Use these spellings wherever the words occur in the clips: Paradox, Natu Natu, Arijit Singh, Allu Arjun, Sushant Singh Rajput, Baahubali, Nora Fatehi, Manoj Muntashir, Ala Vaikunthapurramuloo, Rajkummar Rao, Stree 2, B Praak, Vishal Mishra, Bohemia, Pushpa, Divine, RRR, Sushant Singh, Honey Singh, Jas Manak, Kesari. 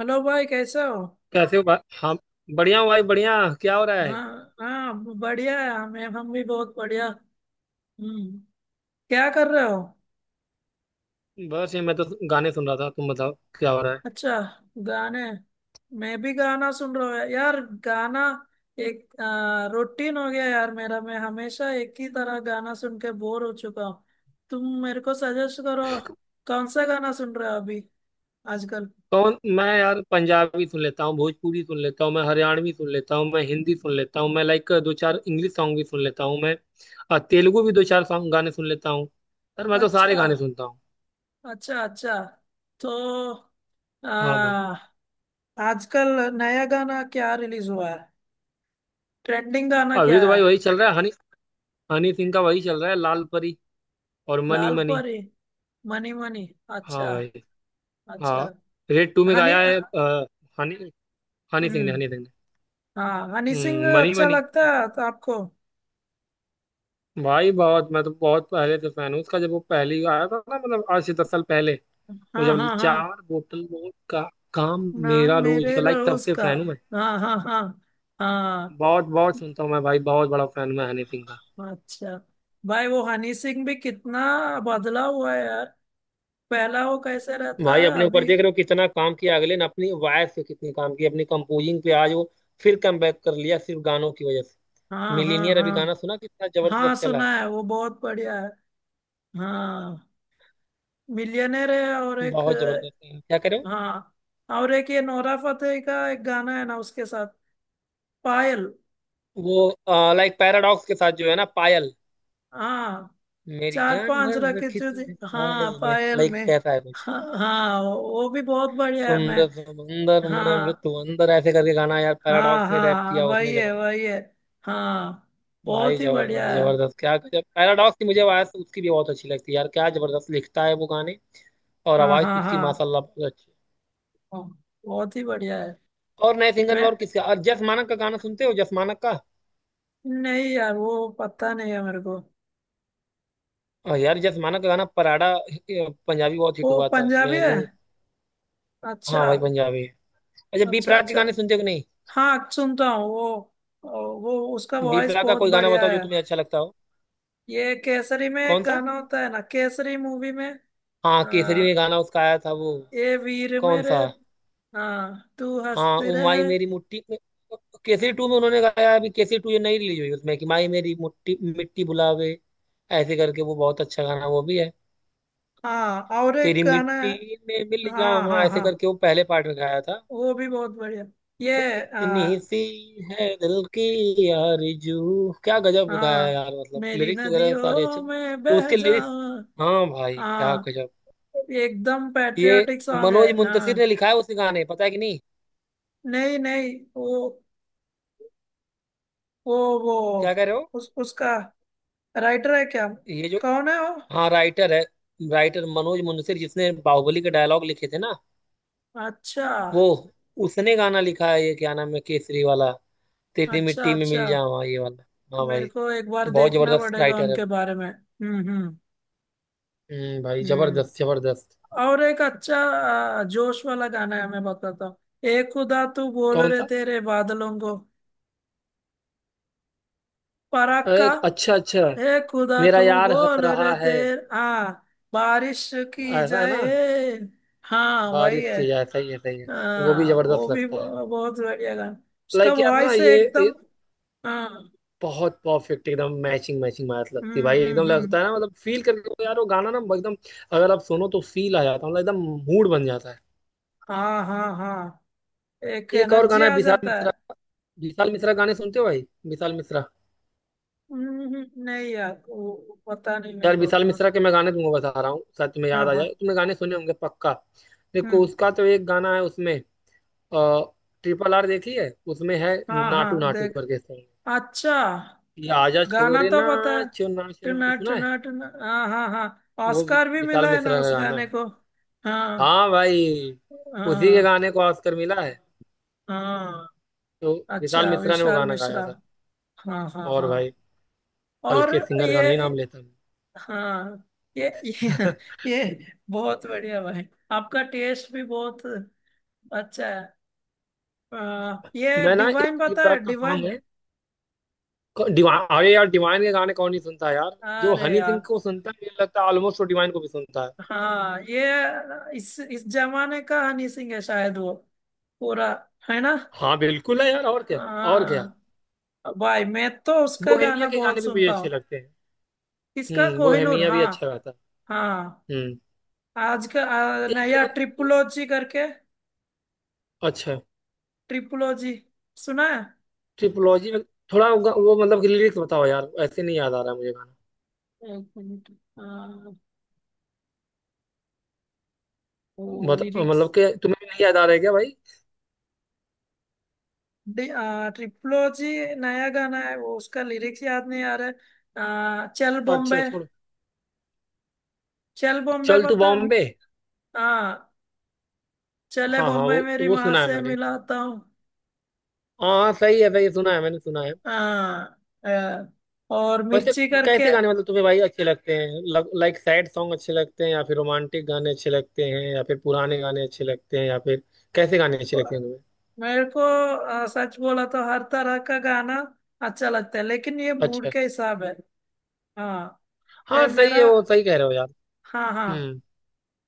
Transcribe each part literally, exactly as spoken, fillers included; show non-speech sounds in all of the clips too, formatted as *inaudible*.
Hello भाई, कैसे हो? कैसे हो भाई हम? बढ़िया हूँ भाई, बढ़िया। क्या हो रहा है? हाँ। हाँ। बढ़िया है हमें, हम भी बहुत बढ़िया। हम्म। क्या कर रहे हो? बस ये मैं तो गाने सुन रहा था, तुम बताओ क्या हो रहा है। अच्छा, गाने। मैं भी गाना सुन रहा हूँ यार, गाना एक रूटीन हो गया यार मेरा। मैं हमेशा एक ही तरह गाना सुन के बोर हो चुका हूँ। तुम मेरे को सजेस्ट करो, कौन सा गाना सुन रहे हो अभी, आजकल? कौन? मैं यार पंजाबी सुन लेता हूँ, भोजपुरी सुन लेता हूँ, मैं हरियाणवी सुन लेता हूँ, मैं हिंदी सुन लेता हूँ, मैं लाइक दो चार इंग्लिश सॉन्ग भी सुन लेता हूँ। मैं अ, तेलुगु भी दो चार सॉन्ग गाने सुन लेता हूँ। यार मैं तो सारे अच्छा, गाने सुनता हूँ। अच्छा अच्छा। तो हाँ भाई। आ, आजकल नया गाना क्या रिलीज हुआ है? ट्रेंडिंग गाना अभी क्या तो है? भाई वही चल रहा है, हनी, हनी सिंह का वही चल रहा है, लाल परी और मनी लाल मनी। परी। Money money. हाँ अच्छा। भाई। हाँ, अच्छा। रेड टू में हनी। गाया है अ, हनी, हनी सिंह ने हम्म। हनी सिंह ने हाँ, हनी सिंह हम्म, मनी अच्छा मनी। लगता है तो आपको? भाई बहुत, मैं तो बहुत पहले से फैन हूँ उसका। जब वो पहली आया था ना, मतलब आज से दस साल पहले, वो हाँ जब हाँ हाँ। चार बोतल वोट का काम, ना मेरा रोज मेरे का, लाइक तब रोज से का। फैन हूँ मैं। हाँ हाँ हाँ। हाँ। बहुत बहुत सुनता हूँ मैं भाई, बहुत बड़ा फैन हूँ मैं हनी सिंह का। अच्छा। भाई वो हनी सिंह भी कितना बदला हुआ है यार। पहला वो कैसे रहता भाई है अपने ऊपर अभी? देख रहे हो कितना काम किया अगले ने, अपनी वॉयस पे कितनी काम किया, अपनी कंपोजिंग पे, आज वो फिर कम बैक कर लिया सिर्फ गानों की वजह से। हाँ हाँ मिलीनियर अभी हाँ। गाना सुना कितना हाँ जबरदस्त चला है। सुना है, वो बहुत बढ़िया है। हाँ, मिलियनेर है। और एक, बहुत जबरदस्त है, क्या करे। हाँ, और एक ये नोरा फतेही का एक गाना है ना उसके साथ, पायल। वो लाइक पैराडॉक्स के साथ जो है ना, पायल, हाँ, मेरी चार जान पांच भर रखे रखी थे जी। तूने हाँ, ख्याल में, पायल लाइक में। कैसा है कुछ हाँ हाँ, वो भी बहुत बढ़िया है। मैं सुंदर समंदर में जो हाँ तू अंदर, ऐसे करके गाना यार हाँ पैराडॉक्स ने रैप हाँ, किया उसमें, वही है जबरदस्त। वही है। हाँ, भाई बहुत ही बढ़िया जबरदस्त, है। जबरदस्त, क्या गजब। पैराडॉक्स की मुझे आवाज उसकी भी बहुत अच्छी लगती है यार, क्या जबरदस्त लिखता है वो गाने, और हाँ आवाज तो हाँ उसकी हाँ। माशाल्लाह बहुत अच्छी हाँ, बहुत ही बढ़िया है। है। और नए सिंगर में मैं और किसका, और जस मानक का गाना सुनते हो? जस मानक का? नहीं यार, वो पता नहीं है मेरे को। और यार जस मानक का गाना पराडा, ए, पंजाबी बहुत हिट वो हुआ था, पंजाबी है? मैनू। हाँ अच्छा। भाई पंजाबी है। अच्छा, बी अच्छा प्राक के अच्छा। गाने सुनते हो कि नहीं? हाँ, सुनता हूँ वो। वो उसका बी वॉइस प्राक का बहुत कोई गाना बढ़िया बताओ जो है। तुम्हें अच्छा लगता हो। ये केसरी में एक कौन सा? गाना होता है ना, केसरी मूवी में। हाँ आ, केसरी में गाना उसका आया था वो। ए वीर कौन मेरे। सा? हाँ, तू हाँ हंसती ओ रहे। माई मेरी मुट्ठी में, केसरी टू में उन्होंने गाया अभी, केसरी टू ये नई रिलीज हुई उसमें कि माई मेरी मुट्ठी मिट्टी बुलावे, ऐसे करके वो बहुत अच्छा गाना वो भी है। हाँ, और एक तेरी गाना है। मिट्टी में मिल हाँ जावा, हाँ ऐसे हाँ, करके वो पहले पार्ट में गाया था। वो भी बहुत बढ़िया। ब- ये इतनी आ, सी है दिल की आरज़ू, क्या गजब गाया है हाँ, यार। मतलब मेरी लिरिक्स वगैरह सारे अच्छे नदियों में बह उसके, लिरिक्स। जाऊं। हाँ भाई क्या हाँ, गजब। एकदम ये पैट्रियोटिक सॉन्ग है। मनोज मुंतशिर ने हाँ, लिखा है उस गाने, पता है कि नहीं? नहीं नहीं, वो वो वो क्या कह रहे हो? उस उसका राइटर है क्या? ये जो, कौन है वो? हाँ राइटर है। राइटर मनोज मुंशी जिसने बाहुबली के डायलॉग लिखे थे ना अच्छा, वो, उसने गाना लिखा है ये, क्या नाम है केसरी वाला, तेरी अच्छा मिट्टी में अच्छा। मिल जाऊँ, ये वाला। हाँ मेरे भाई। को एक बार बहुत देखना जबरदस्त पड़ेगा राइटर है। उनके बारे में। हम्म हम्म। हम्म भाई, हम्म। जबरदस्त जबरदस्त। और एक अच्छा आ, जोश वाला गाना है, मैं बताता हूँ। ए खुदा तू बोल कौन रहे सा? तेरे बादलों को। फराक अरे, का। अच्छा अच्छा। ए खुदा मेरा तू यार हंस बोल रहा रहे है, तेरे, हाँ, बारिश की ऐसा है ना? जाए। हाँ वही बारिश है। की, ऐसा ही है, सही है। वो भी हाँ, वो जबरदस्त भी लगता है, ब- बहुत बढ़िया गाना। उसका लाइक यार ना वॉइस है ये एकदम। हाँ। बहुत परफेक्ट एकदम मैचिंग मैचिंग मैच लगती है हम्म भाई, एकदम हम्म हम्म। लगता है ना, मतलब फील करके तो यार वो गाना ना एकदम, अगर आप सुनो तो फील आ जाता है, मतलब एकदम मूड बन जाता है। हाँ हाँ हाँ, एक एक और एनर्जी गाना है आ विशाल जाता है। मिश्रा का। विशाल मिश्रा गाने सुनते हो भाई? विशाल मिश्रा, हम्म हम्म, नहीं यार, वो वो पता नहीं मेरे यार को विशाल उतना। मिश्रा के मैं गाने तुमको बता रहा हूँ, शायद तुम्हें हाँ याद आ हाँ। जाए, तुमने गाने सुने होंगे पक्का। देखो हम्म। उसका तो एक गाना है उसमें, आ, ट्रिपल आर देखी है, उसमें है हाँ नाटू हाँ, नाटू देख। करके सॉन्ग, अच्छा, ये आजा गाना छोरे तो पता है। नाचो नाचो नाचो टना सुना है। टना टना, हाँ हाँ हाँ, वो वि- ऑस्कार भी विशाल मिला है ना मिश्रा का उस गाना गाने है। को। हाँ हाँ भाई, उसी के हाँ गाने को ऑस्कर मिला है। हाँ। तो विशाल अच्छा, मिश्रा ने वो विशाल गाना गाया मिश्रा। था। हाँ हाँ और हाँ। भाई और हल्के सिंगर ये का नहीं नाम लेता हाँ, ये ये, मैं। *laughs* ये बहुत बढ़िया भाई, आपका टेस्ट भी बहुत अच्छा है। आ, ये मैं ना एक डिवाइन डी पता है, प्राक का सॉन्ग डिवाइन? है। क- डिवाइन, अरे यार डिवाइन के गाने कौन नहीं सुनता है यार। जो अरे हनी सिंह यार। को सुनता है, मुझे लगता है ऑलमोस्ट वो डिवाइन को भी सुनता है। हाँ, ये इस इस जमाने का हनी सिंह है शायद, वो पूरा, है ना? हाँ बिल्कुल है यार, और क्या, और क्या। हाँ भाई, मैं तो उसका बोहेमिया गाना के गाने बहुत भी मुझे सुनता अच्छे हूँ। लगते हैं। इसका हम्म, कोहिनूर। बोहेमिया भी हाँ। अच्छा गाता है। हाँ। हम्म। आज का आ, एक नया ट्रिपुलोजी करके। अच्छा, ट्रिपुलोजी सुना है? ट्रिपोलॉजी में थोड़ा वो वो मतलब कि लिरिक्स बताओ यार, ऐसे नहीं याद आ रहा है मुझे गाना। एक मिनट। हाँ, वो मत, लिरिक्स, मतलब कि तुम्हें भी नहीं याद आ रहा है क्या भाई? ट्रिपुलोजी नया गाना है वो, उसका लिरिक्स याद नहीं आ रहा है। आ, चल बॉम्बे। अच्छा छोड़ो। चल बॉम्बे चल तू पता है? बॉम्बे। हाँ, चले हाँ हाँ बॉम्बे वो मेरी वो माँ सुना है से मैंने। मिलाता हूँ। हाँ सही है, सही है, सुना है, मैंने सुना है। हाँ। हाँ। और वैसे मिर्ची करके। कैसे गाने मतलब तुम्हें भाई अच्छे लगते हैं? लाइक सैड सॉन्ग अच्छे लगते हैं, या फिर रोमांटिक गाने अच्छे लगते हैं, या फिर पुराने गाने अच्छे लगते हैं, या फिर कैसे गाने अच्छे लगते हैं तुम्हें? मेरे को आ, सच बोला तो हर तरह का गाना अच्छा लगता है, लेकिन ये मूड अच्छा। के हिसाब है। हाँ। हाँ ये सही है, मेरा वो सही कह रहे हो यार। हाँ हाँ। हम्म।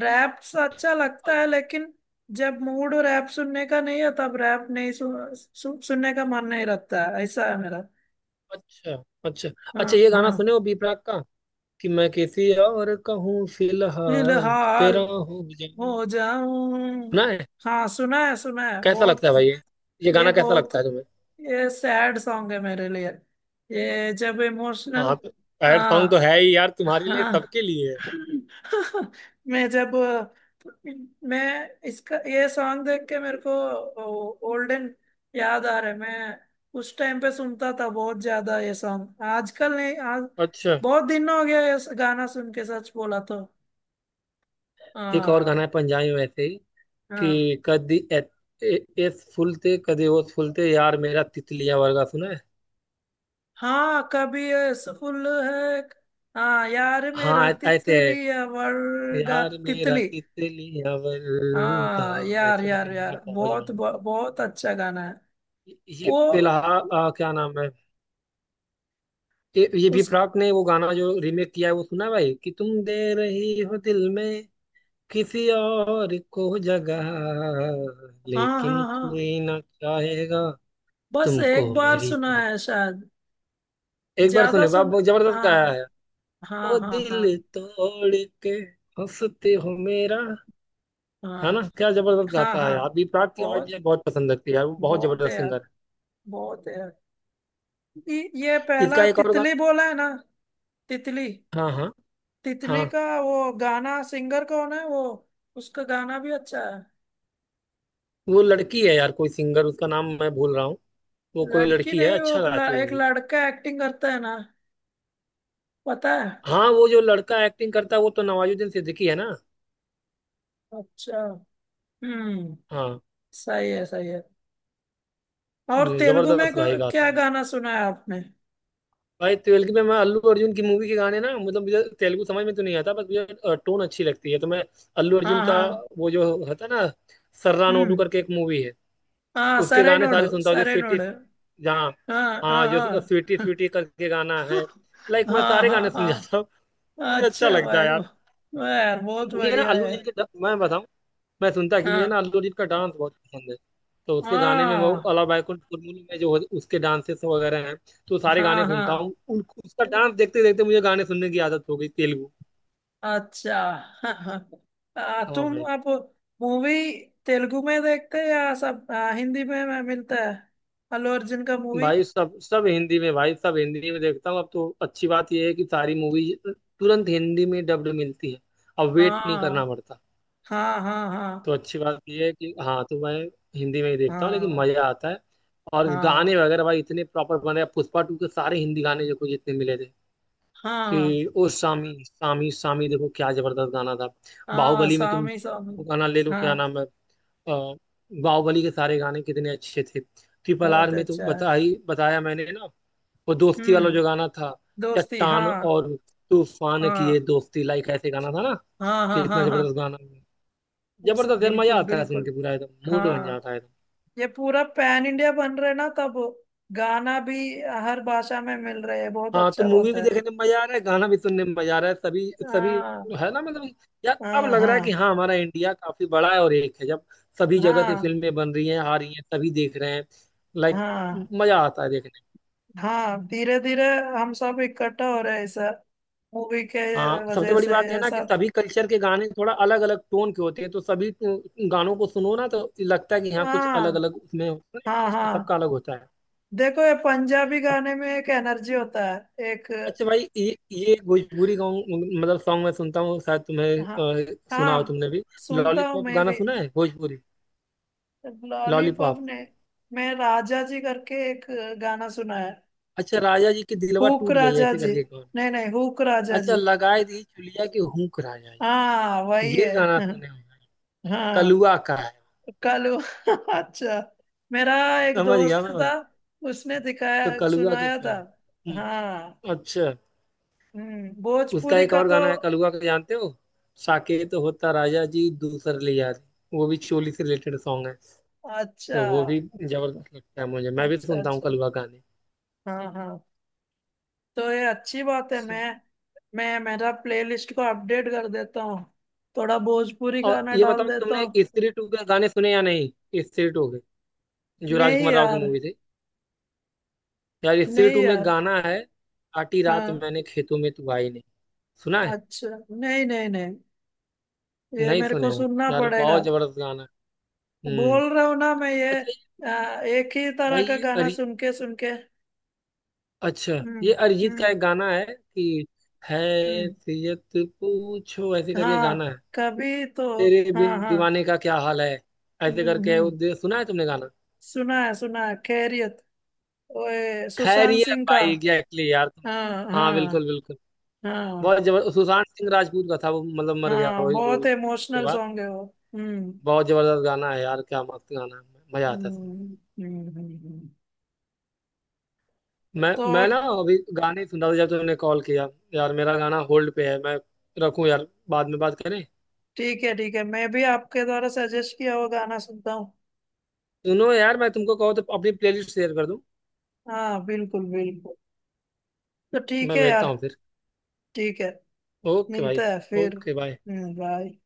रैप अच्छा लगता अ- है, लेकिन जब मूड रैप सुनने का नहीं है तब रैप नहीं सु, सु, सुनने का मन नहीं रहता है, ऐसा है मेरा। अच्छा अच्छा। हाँ अच्छा ये हाँ। गाना सुने हो बी प्राक का कि मैं किसी और कहूँ, फिलहाल फिलहाल तेरा हो जाऊं? हो जाऊं। सुना है? हाँ, सुना है सुना है कैसा लगता बहुत। है भाई ये ये ये गाना कैसा बहुत, लगता है तुम्हें? ये सैड सॉन्ग है मेरे लिए। ये जब इमोशनल। हाँ तो सैड सॉन्ग तो हाँ। है ही यार, तुम्हारे लिए, हाँ। सबके लिए है। *laughs* मैं जब मैं इसका ये सॉन्ग देख के मेरे को ओल्डन याद आ रहा है। मैं उस टाइम पे सुनता था बहुत ज्यादा ये सॉन्ग, आजकल नहीं। आज अच्छा। बहुत दिन हो गया ये गाना सुन के, सच बोला तो। एक और गाना हाँ है पंजाबी में वैसे ही हाँ कि कदी ए- ए- एस फुलते कदी ओस फुलते, यार मेरा तितलिया वर्गा, सुना है? हाँ। कभी फुल है। हाँ यार मेरा हाँ ऐ- ऐसे है, तितली या वर्गा, यार मेरा तितली। तितलिया वर्गा, हाँ यार ऐसे यार करके गाना, यार, बहुत बहुत जबरदस्त। बहुत अच्छा गाना है। ये वो फिलहाल आ, क्या नाम है, ये ये भी उस प्राक ने वो गाना जो रीमेक किया है वो सुना है भाई, कि तुम दे रही हो दिल में किसी और को जगह, हाँ लेकिन हाँ हाँ, कोई ना चाहेगा बस एक तुमको बार मेरी सुना तरह। है शायद, एक बार ज्यादा सुने बाप, सुन बहुत जबरदस्त हाँ गाया है। हाँ ओ हाँ। दिल हाँ। तोड़ के हंसते हो मेरा, है ना? हाँ क्या जबरदस्त हाँ। गाता है हाँ, आप, भी प्राक की आवाज बहुत मुझे बहुत पसंद लगती है यार, वो बहुत बहुत है जबरदस्त यार, सिंगर बहुत है यार। ये ये है। पहला इसका एक और तितली गाना, बोला है ना, तितली। हाँ हाँ तितली हाँ। का वो गाना सिंगर कौन है वो? उसका गाना भी अच्छा है। वो लड़की है यार कोई सिंगर, उसका नाम मैं भूल रहा हूँ। वो कोई लड़की लड़की है, नहीं, वो अच्छा एक गाती ल- है वो एक भी। लड़का एक्टिंग करता है ना, पता है? हाँ वो जो लड़का एक्टिंग करता है वो तो नवाजुद्दीन सिद्दीकी है ना। अच्छा। हम्म। हाँ, सही है सही है। और तेलुगु में जबरदस्त को, गाई क्या गाता है गाना सुना है आपने? भाई। ट्वेल्थ में मैं अल्लू अर्जुन की मूवी के गाने ना, मतलब मुझे तेलुगु समझ में तो नहीं आता, बस मुझे टोन अच्छी लगती है, तो मैं अल्लू अर्जुन हाँ का हाँ। वो जो होता है ना, सर्रा नोडू हम्म। करके एक मूवी है, हाँ, उसके सरे गाने नोडु सारे सुनता हूँ जो सरे स्वीटी, नोडु। जहाँ, हाँ हाँ हाँ जो हाँ। स्वीटी स्वीटी करके गाना है, *laughs* लाइक मैं हाँ सारे हाँ गाने सुन जाता हूँ। हाँ। मुझे अच्छा अच्छा लगता भाई, है यार। वाह यार, बहुत मुझे ना बढ़िया अल्लू है। अर्जुन के ड- मैं बताऊँ, मैं सुनता, कि मुझे ना हाँ अल्लू अर्जुन का डांस बहुत पसंद है। तो उसके गाने में, वो हाँ अला बैकुंठ कुरमुनी में जो उसके डांसेस वगैरह हैं, तो सारे गाने हाँ। हाँ, सुनता हूँ उन, उसका डांस देखते देखते मुझे गाने सुनने की आदत हो गई तेलुगु। अच्छा। हाँ हाँ। आ, हाँ तुम भाई। अब मूवी तेलुगु में देखते हैं या सब आ, हिंदी में में मिलता है, अल्लू अर्जुन का मूवी? भाई सब सब हिंदी में, भाई सब हिंदी में देखता हूँ अब तो। अच्छी बात यह है कि सारी मूवी तुरंत हिंदी में डब्ड मिलती है, अब वेट नहीं करना हाँ पड़ता। हाँ हाँ। तो हाँ अच्छी बात यह है कि हाँ, तो मैं हिंदी में ही देखता हूँ, लेकिन हाँ मजा आता है। और हाँ। गाने वगैरह भाई इतने प्रॉपर बने हैं। पुष्पा टू के सारे हिंदी गाने जो कुछ जितने मिले थे, हाँ। कि ओ सामी सामी सामी, देखो क्या जबरदस्त गाना था। हाँ बाहुबली में तुम स्वामी स्वामी। वो गाना ले लो, क्या हाँ, नाम है, अ, बाहुबली के सारे गाने कितने अच्छे थे। ट्रिपल आर बहुत में तो अच्छा है। बताई, बताया मैंने ना, वो दोस्ती वाला हम्म। जो गाना था, दोस्ती, चट्टान हाँ। और तूफान की ये हाँ दोस्ती, लाइक ऐसे गाना था ना, हाँ हाँ कितना हाँ। हाँ। जबरदस्त गाना है। उस- जबरदस्त यार, मजा बिल्कुल आता है सुन बिल्कुल। के पूरा, एकदम मूड बन हाँ, जाता है। ये पूरा पैन इंडिया बन रहा है ना तब, गाना भी हर भाषा में मिल रहे है, बहुत हाँ तो अच्छा मूवी बात भी है। देखने में मजा आ रहा है, गाना भी सुनने में मजा आ रहा है, सभी सभी, हाँ। है ना? मतलब यार अब हाँ लग रहा है कि हाँ। हाँ, हमारा इंडिया काफी बड़ा है, और एक है जब सभी जगह से हाँ। फिल्में बन रही हैं, आ रही हैं, सभी देख रहे हैं, लाइक हाँ। मजा आता है देखने में। हाँ, धीरे धीरे हम सब इकट्ठा हो रहे हैं ऐसा, मूवी के हाँ सबसे वजह बड़ी से बात है ये ना कि सब। सभी कल्चर के गाने थोड़ा अलग अलग टोन के होते हैं, तो सभी गानों को सुनो ना तो लगता है कि हाँ, कुछ अलग हाँ। अलग उसमें, हाँ टेस्ट हाँ। सबका अलग होता है। देखो ये पंजाबी गाने में एक एनर्जी होता है, एक। अच्छा भाई, ये ये भोजपुरी गाँव मतलब सॉन्ग मैं सुनता हूँ, शायद हाँ। तुम्हें अ, सुना हो हाँ, तुमने भी, सुनता हूँ लॉलीपॉप मैं गाना भी। सुना है भोजपुरी? Lollipop lollipop. ने मैं राजा जी करके एक गाना सुना है। अच्छा राजा जी की दिलवा हुक टूट जाए राजा ऐसे जी, करके, कौन? नहीं नहीं, हुक राजा अच्छा जी। लगाए दी चुलिया की हुक राजा जी, हाँ वही ये है। गाना सुने हो भाई? *laughs* हाँ, कलुआ का है। कालू। *laughs* अच्छा, मेरा एक समझ गया दोस्त मैं था, भाई, उसने दिखाया तो कलुआ के सुनाया था। फैन। हम्म, हाँ। अच्छा। हम्म, उसका भोजपुरी एक का और तो। गाना है कलुआ का, जानते हो? साकेत होता राजा जी दूसर लिया रे, वो भी चोली से रिलेटेड सॉन्ग है, अच्छा, तो वो भी जबरदस्त लगता है मुझे, मैं भी अच्छा सुनता हूँ अच्छा। कलवा गाने। हाँ हाँ। तो ये अच्छी बात है। मैं मैं मेरा प्लेलिस्ट को अपडेट कर देता हूँ, थोड़ा भोजपुरी और गाना ये डाल बताओ, देता तुमने हूँ। स्त्री टू के गाने सुने या नहीं, स्त्री टू के, जो नहीं राजकुमार राव की यार। मूवी थी? यार स्त्री नहीं टू में यार। गाना है काटी रात हाँ। मैंने खेतों में तू आई नहीं, सुना है? अच्छा। नहीं नहीं नहीं, ये नहीं मेरे सुने को हो सुनना यार, पड़ेगा। बहुत जबरदस्त गाना है। हम्म। बोल रहा हूँ ना मैं, ये अच्छा ये-, आ, एक ही तरह भाई का ये गाना अरि सुन के सुन के। अच्छा हम्म ये अरिजीत का हम्म एक गाना है कि हम्म। हैसियत पूछो, ऐसे करके गाना हाँ है, कभी तो। तेरे हाँ बिन हाँ। दीवाने का क्या हाल है, हम्म ऐसे करके वो, हम्म, दे- सुना है तुमने गाना? सुना है सुना है, खैरियत, ओए सुशांत खैरियत सिंह का। भाई, एग्जैक्टली यार तुम, हाँ हाँ हाँ बिल्कुल बिल्कुल। हाँ। बहुत जबरदस्त सुशांत सिंह राजपूत का था वो, मतलब मर गया हाँ, वही मूवी बहुत के इमोशनल बाद। सॉन्ग है वो। हम्म। बहुत जबरदस्त गाना है यार, क्या मस्त गाना है, मजा आता हम्म है सुनने। हम्म हम्म, हम्म। मैं तो मैं ना अभी गाने ही सुन रहा था जब तुमने कॉल किया। यार मेरा गाना होल्ड पे है, मैं रखूं यार, बाद में बात करें? ठीक है ठीक है, मैं भी आपके द्वारा सजेस्ट किया हुआ गाना सुनता हूँ। सुनो यार, मैं तुमको कहूँ तो अपनी प्लेलिस्ट शेयर कर दूं। हाँ बिल्कुल बिल्कुल। तो ठीक मैं है भेजता यार। हूँ फिर। ठीक है। ओके भाई, मिलता है फिर। Okay bye. हम्म, बाय।